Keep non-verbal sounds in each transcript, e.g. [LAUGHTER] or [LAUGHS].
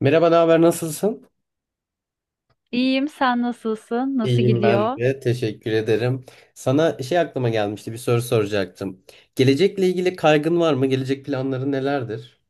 Merhaba, ne haber, nasılsın? İyiyim, sen nasılsın? Nasıl İyiyim ben gidiyor? de. Teşekkür ederim. Sana şey aklıma gelmişti, bir soru soracaktım. Gelecekle ilgili kaygın var mı? Gelecek planları nelerdir?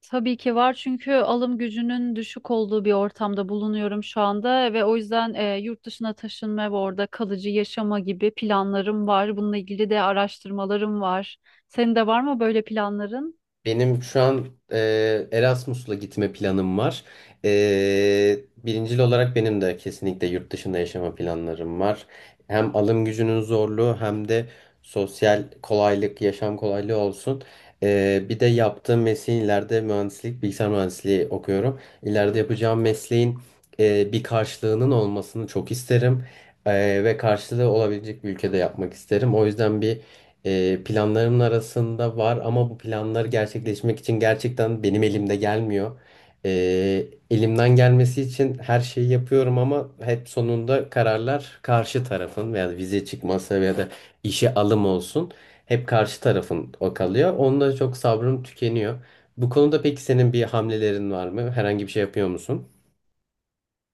Tabii ki var çünkü alım gücünün düşük olduğu bir ortamda bulunuyorum şu anda ve o yüzden yurt dışına taşınma ve orada kalıcı yaşama gibi planlarım var. Bununla ilgili de araştırmalarım var. Senin de var mı böyle planların? Benim şu an Erasmus'la gitme planım var. Birincil olarak benim de kesinlikle yurt dışında yaşama planlarım var. Hem alım gücünün zorluğu hem de sosyal kolaylık, yaşam kolaylığı olsun. Bir de yaptığım mesleğin ileride mühendislik, bilgisayar mühendisliği okuyorum. İleride yapacağım mesleğin bir karşılığının olmasını çok isterim. Ve karşılığı olabilecek bir ülkede yapmak isterim. O yüzden planlarımın arasında var ama bu planlar gerçekleşmek için gerçekten benim elimde gelmiyor. E, Elimden gelmesi için her şeyi yapıyorum ama hep sonunda kararlar karşı tarafın veya vize çıkması veya da işe alım olsun hep karşı tarafın o kalıyor. Onda çok sabrım tükeniyor. Bu konuda peki senin bir hamlelerin var mı? Herhangi bir şey yapıyor musun?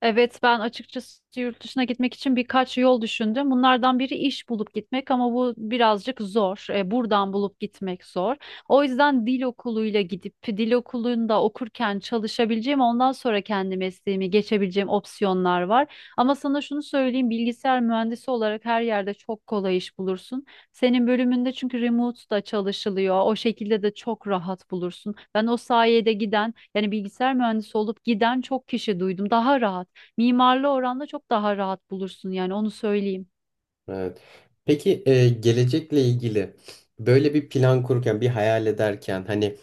Evet ben açıkçası yurt dışına gitmek için birkaç yol düşündüm. Bunlardan biri iş bulup gitmek ama bu birazcık zor. Buradan bulup gitmek zor. O yüzden dil okuluyla gidip dil okulunda okurken çalışabileceğim ondan sonra kendi mesleğimi geçebileceğim opsiyonlar var. Ama sana şunu söyleyeyim bilgisayar mühendisi olarak her yerde çok kolay iş bulursun. Senin bölümünde çünkü remote da çalışılıyor. O şekilde de çok rahat bulursun. Ben o sayede giden yani bilgisayar mühendisi olup giden çok kişi duydum. Daha rahat. Mimarlı oranda çok daha rahat bulursun yani onu söyleyeyim. Evet. Peki gelecekle ilgili böyle bir plan kururken, bir hayal ederken hani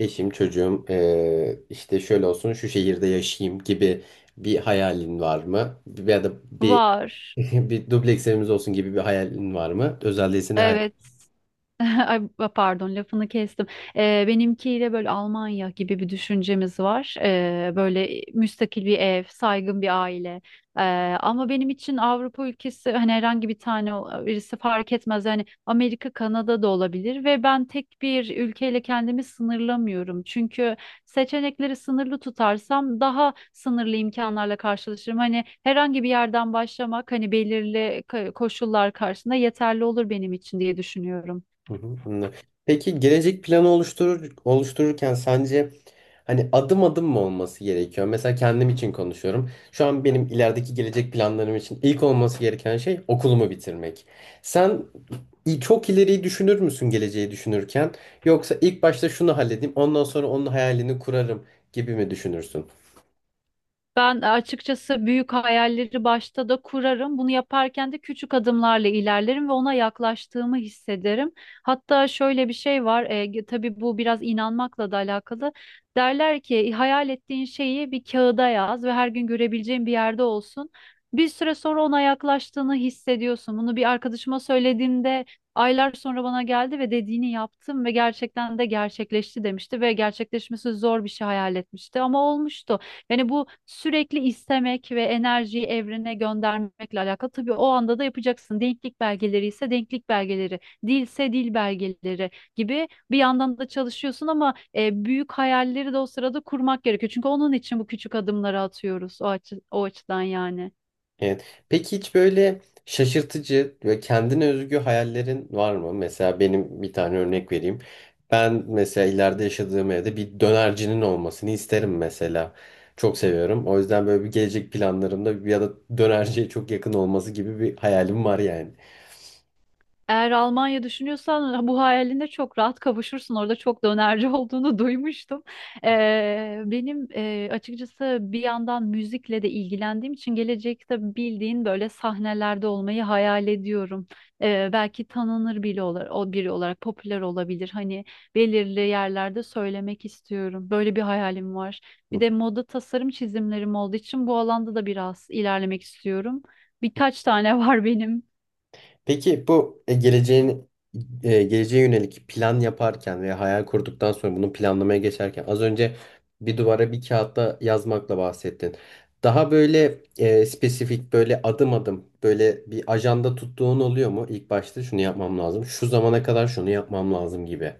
eşim, çocuğum işte şöyle olsun, şu şehirde yaşayayım gibi bir hayalin var mı? Ya da bir Var. [LAUGHS] bir dubleks evimiz olsun gibi bir hayalin var mı? Özel değilse ne. Evet. [LAUGHS] Ay, pardon lafını kestim. Benimkiyle böyle Almanya gibi bir düşüncemiz var. Böyle müstakil bir ev, saygın bir aile. Ee, Ama benim için Avrupa ülkesi hani herhangi bir tane birisi fark etmez. Yani Amerika, Kanada da olabilir ve ben tek bir ülkeyle kendimi sınırlamıyorum. Çünkü seçenekleri sınırlı tutarsam daha sınırlı imkanlarla karşılaşırım. Hani herhangi bir yerden başlamak hani belirli koşullar karşısında yeterli olur benim için diye düşünüyorum. Hı hı, anladım. Peki gelecek planı oluşturur, oluştururken sence hani adım adım mı olması gerekiyor? Mesela kendim için konuşuyorum. Şu an benim ilerideki gelecek planlarım için ilk olması gereken şey okulumu bitirmek. Sen çok ileriyi düşünür müsün geleceği düşünürken? Yoksa ilk başta şunu halledeyim, ondan sonra onun hayalini kurarım gibi mi düşünürsün? Ben açıkçası büyük hayalleri başta da kurarım. Bunu yaparken de küçük adımlarla ilerlerim ve ona yaklaştığımı hissederim. Hatta şöyle bir şey var. Tabii bu biraz inanmakla da alakalı. Derler ki hayal ettiğin şeyi bir kağıda yaz ve her gün görebileceğin bir yerde olsun. Bir süre sonra ona yaklaştığını hissediyorsun. Bunu bir arkadaşıma söylediğimde aylar sonra bana geldi ve dediğini yaptım ve gerçekten de gerçekleşti demişti ve gerçekleşmesi zor bir şey hayal etmişti ama olmuştu. Yani bu sürekli istemek ve enerjiyi evrene göndermekle alakalı. Tabii o anda da yapacaksın. Denklik belgeleri ise denklik belgeleri, dilse dil belgeleri gibi bir yandan da çalışıyorsun ama büyük hayalleri de o sırada kurmak gerekiyor. Çünkü onun için bu küçük adımları atıyoruz o açıdan yani. Evet. Peki hiç böyle şaşırtıcı ve kendine özgü hayallerin var mı? Mesela benim bir tane örnek vereyim. Ben mesela ileride yaşadığım evde bir dönercinin olmasını isterim mesela. Çok seviyorum. O yüzden böyle bir gelecek planlarımda ya da dönerciye çok yakın olması gibi bir hayalim var yani. Eğer Almanya düşünüyorsan bu hayaline çok rahat kavuşursun. Orada çok dönerci olduğunu [LAUGHS] duymuştum. Benim açıkçası bir yandan müzikle de ilgilendiğim için gelecekte bildiğin böyle sahnelerde olmayı hayal ediyorum. Belki tanınır biri olarak, o biri olarak popüler olabilir. Hani belirli yerlerde söylemek istiyorum. Böyle bir hayalim var. Bir de moda tasarım çizimlerim olduğu için bu alanda da biraz ilerlemek istiyorum. Birkaç tane [LAUGHS] var benim. Peki bu geleceğe yönelik plan yaparken veya hayal kurduktan sonra bunu planlamaya geçerken az önce bir duvara bir kağıtta yazmakla bahsettin. Daha böyle spesifik böyle adım adım böyle bir ajanda tuttuğun oluyor mu? İlk başta şunu yapmam lazım. Şu zamana kadar şunu yapmam lazım gibi.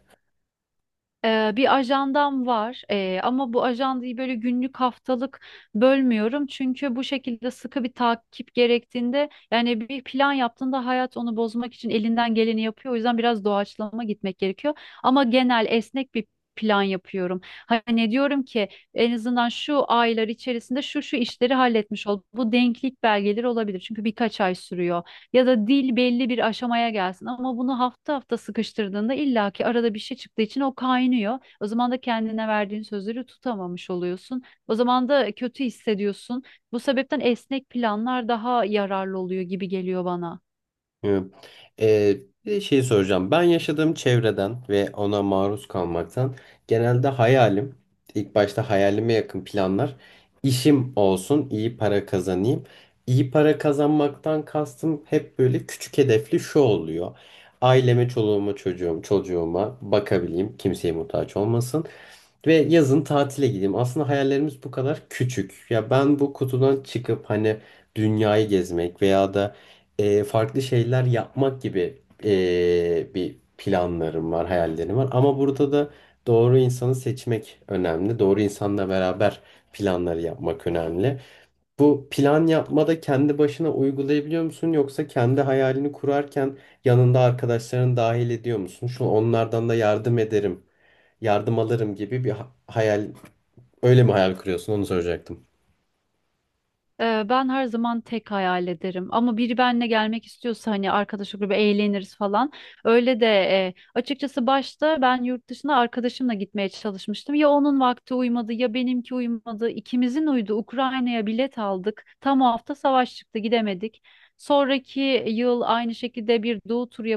Bir ajandam var. Ama bu ajandayı böyle günlük haftalık bölmüyorum çünkü bu şekilde sıkı bir takip gerektiğinde yani bir plan yaptığında hayat onu bozmak için elinden geleni yapıyor o yüzden biraz doğaçlama gitmek gerekiyor ama genel esnek bir plan yapıyorum. Hani diyorum ki en azından şu aylar içerisinde şu şu işleri halletmiş ol. Bu denklik belgeleri olabilir çünkü birkaç ay sürüyor ya da dil belli bir aşamaya gelsin. Ama bunu hafta hafta sıkıştırdığında illaki arada bir şey çıktığı için o kaynıyor. O zaman da kendine verdiğin sözleri tutamamış oluyorsun. O zaman da kötü hissediyorsun. Bu sebepten esnek planlar daha yararlı oluyor gibi geliyor bana. Evet. Ee, bir de şey soracağım. Ben yaşadığım çevreden ve ona maruz kalmaktan genelde hayalim, ilk başta hayalime yakın planlar, işim olsun, iyi para kazanayım. İyi para kazanmaktan kastım hep böyle küçük hedefli şu oluyor. Aileme, çocuğuma bakabileyim, kimseye muhtaç olmasın. Ve yazın tatile gideyim. Aslında hayallerimiz bu kadar küçük. Ya ben bu kutudan çıkıp hani dünyayı gezmek veya da farklı şeyler yapmak gibi bir planlarım var, hayallerim var. Ama burada da doğru insanı seçmek önemli. Doğru insanla beraber planları yapmak önemli. Bu plan yapmada kendi başına uygulayabiliyor musun yoksa kendi hayalini kurarken yanında arkadaşlarını dahil ediyor musun? Şu onlardan da yardım alırım gibi bir hayal, öyle mi hayal kuruyorsun? Onu soracaktım. Ben her zaman tek hayal ederim ama biri benimle gelmek istiyorsa hani arkadaş grubu eğleniriz falan. Öyle de açıkçası başta ben yurt dışına arkadaşımla gitmeye çalışmıştım. Ya onun vakti uymadı ya benimki uymadı. İkimizin uydu. Ukrayna'ya bilet aldık. Tam o hafta savaş çıktı gidemedik. Sonraki yıl aynı şekilde bir doğu turu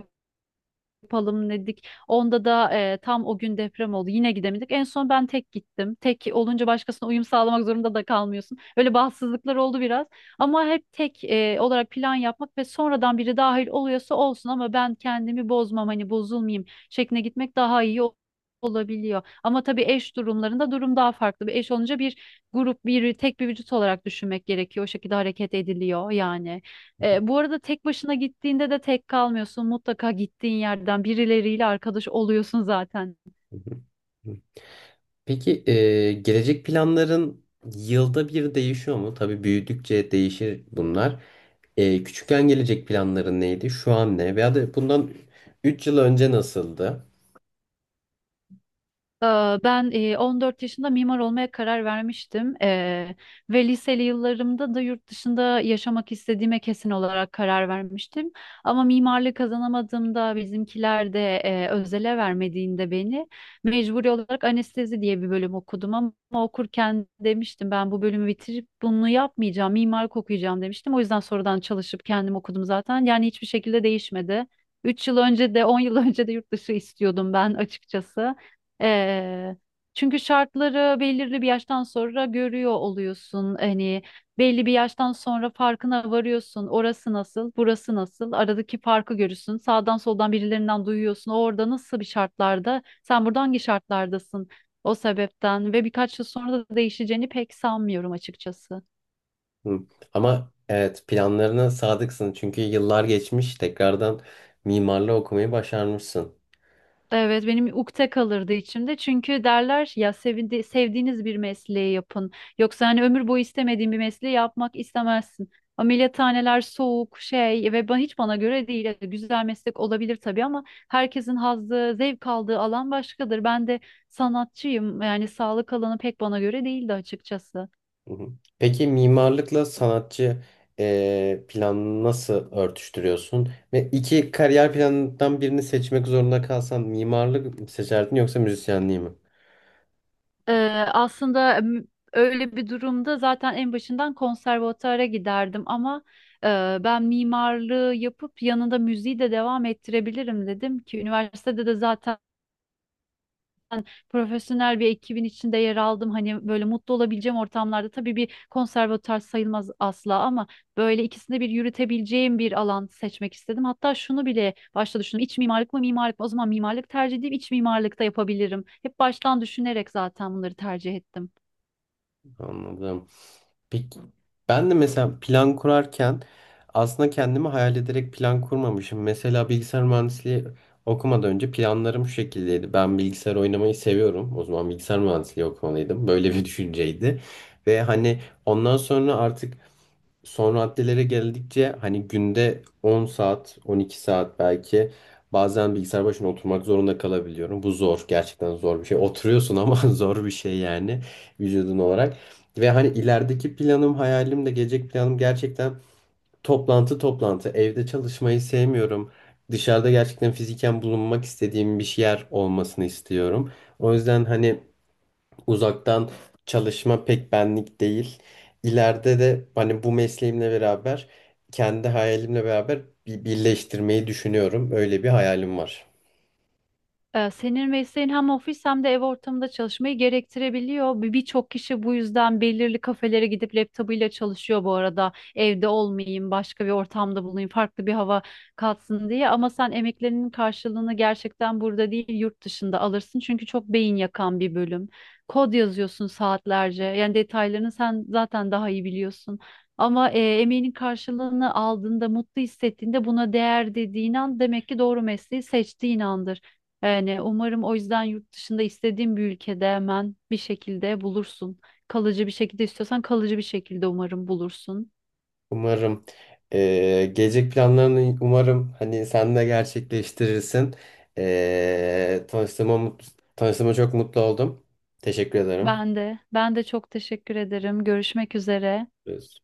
yapalım dedik. Onda da tam o gün deprem oldu. Yine gidemedik. En son ben tek gittim. Tek olunca başkasına uyum sağlamak zorunda da kalmıyorsun. Öyle bahtsızlıklar oldu biraz. Ama hep tek olarak plan yapmak ve sonradan biri dahil oluyorsa olsun ama ben kendimi bozmam hani bozulmayayım şekline gitmek daha iyi olabiliyor. Ama tabii eş durumlarında durum daha farklı. Bir eş olunca bir grup, bir tek bir vücut olarak düşünmek gerekiyor. O şekilde hareket ediliyor yani. Bu arada tek başına gittiğinde de tek kalmıyorsun. Mutlaka gittiğin yerden birileriyle arkadaş oluyorsun zaten. Hı hı. Hı. Peki gelecek planların yılda bir değişiyor mu? Tabii büyüdükçe değişir bunlar. Küçükken gelecek planların neydi? Şu an ne? Veya da bundan 3 yıl önce nasıldı? Ee, Ben 14 yaşında mimar olmaya karar vermiştim. Ve liseli yıllarımda da yurt dışında yaşamak istediğime kesin olarak karar vermiştim. Ama mimarlık kazanamadığımda bizimkiler de özele vermediğinde beni mecburi olarak anestezi diye bir bölüm okudum ama okurken demiştim ben bu bölümü bitirip bunu yapmayacağım, mimarlık okuyacağım demiştim. O yüzden sonradan çalışıp kendim okudum zaten yani hiçbir şekilde değişmedi. 3 yıl önce de 10 yıl [LAUGHS] önce de yurt dışı istiyordum ben açıkçası. Eee, Çünkü şartları belirli bir yaştan sonra görüyor oluyorsun. Hani belli bir yaştan sonra farkına varıyorsun. Orası nasıl, burası nasıl? Aradaki farkı görürsün. Sağdan soldan birilerinden duyuyorsun. O orada nasıl bir şartlarda? Sen burada hangi şartlardasın? O sebepten ve birkaç yıl sonra da değişeceğini pek sanmıyorum açıkçası. Hı. Ama evet planlarına sadıksın çünkü yıllar geçmiş tekrardan mimarlığı okumayı başarmışsın. Evet benim ukde kalırdı içimde. Çünkü derler ya sevindi, sevdiğiniz bir mesleği yapın. Yoksa hani ömür boyu istemediğin bir mesleği yapmak istemezsin. Ameliyathaneler soğuk şey ve hiç bana göre değil. Evet, güzel meslek olabilir tabii ama herkesin hazzı, zevk aldığı alan başkadır. Ben de sanatçıyım. Yani sağlık alanı pek bana göre değildi açıkçası. Hı hı. Peki mimarlıkla sanatçı planını nasıl örtüştürüyorsun? Ve iki kariyer planından birini seçmek zorunda kalsan mimarlık mı seçerdin yoksa müzisyenliği mi? Ee, aslında öyle bir durumda zaten en başından konservatuara giderdim ama ben mimarlığı yapıp yanında müziği de devam ettirebilirim dedim ki üniversitede de zaten profesyonel bir ekibin içinde yer aldım. Hani böyle mutlu olabileceğim ortamlarda tabii bir konservatuar sayılmaz asla ama böyle ikisinde bir yürütebileceğim bir alan seçmek istedim. Hatta şunu bile başta düşündüm. İç mimarlık mı mimarlık mı? O zaman mimarlık tercih edeyim, iç mimarlıkta yapabilirim. Hep baştan düşünerek zaten bunları tercih ettim. Anladım. Peki ben de mesela plan kurarken aslında kendimi hayal ederek plan kurmamışım. Mesela bilgisayar mühendisliği okumadan önce planlarım şu şekildeydi. Ben bilgisayar oynamayı seviyorum. O zaman bilgisayar mühendisliği okumalıydım. Böyle bir [LAUGHS] düşünceydi. Ve hani ondan sonra artık son raddelere geldikçe hani günde 10 saat, 12 saat belki bazen bilgisayar başına oturmak zorunda kalabiliyorum. Bu zor, gerçekten zor bir şey. Oturuyorsun ama [LAUGHS] zor bir şey yani vücudun olarak. Ve hani ilerideki planım, hayalim de gelecek planım gerçekten toplantı toplantı. Evde çalışmayı sevmiyorum. Dışarıda gerçekten fiziken bulunmak istediğim bir yer olmasını istiyorum. O yüzden hani uzaktan çalışma pek benlik değil. İleride de hani bu mesleğimle beraber kendi hayalimle beraber bir birleştirmeyi düşünüyorum. Öyle bir hayalim var. Senin mesleğin hem ofis hem de ev ortamında çalışmayı gerektirebiliyor. Birçok kişi bu yüzden belirli kafelere gidip laptopuyla çalışıyor bu arada. Evde olmayayım, başka bir ortamda bulunayım, farklı bir hava katsın diye. Ama sen emeklerinin karşılığını gerçekten burada değil, yurt dışında alırsın. Çünkü çok beyin yakan bir bölüm. Kod yazıyorsun saatlerce. Yani detaylarını sen zaten daha iyi biliyorsun. Ama emeğinin karşılığını aldığında, mutlu hissettiğinde buna değer dediğin an demek ki doğru mesleği seçtiğin andır. Yani umarım o yüzden yurt dışında istediğin bir ülkede hemen bir şekilde bulursun. Kalıcı bir şekilde istiyorsan kalıcı bir şekilde umarım bulursun. Umarım gelecek planlarını umarım hani sen de gerçekleştirirsin. Eee tanıştığıma, mut- Tanıştığıma çok mutlu oldum. Teşekkür ederim. Ben de çok teşekkür ederim. Görüşmek üzere. Görüşürüz.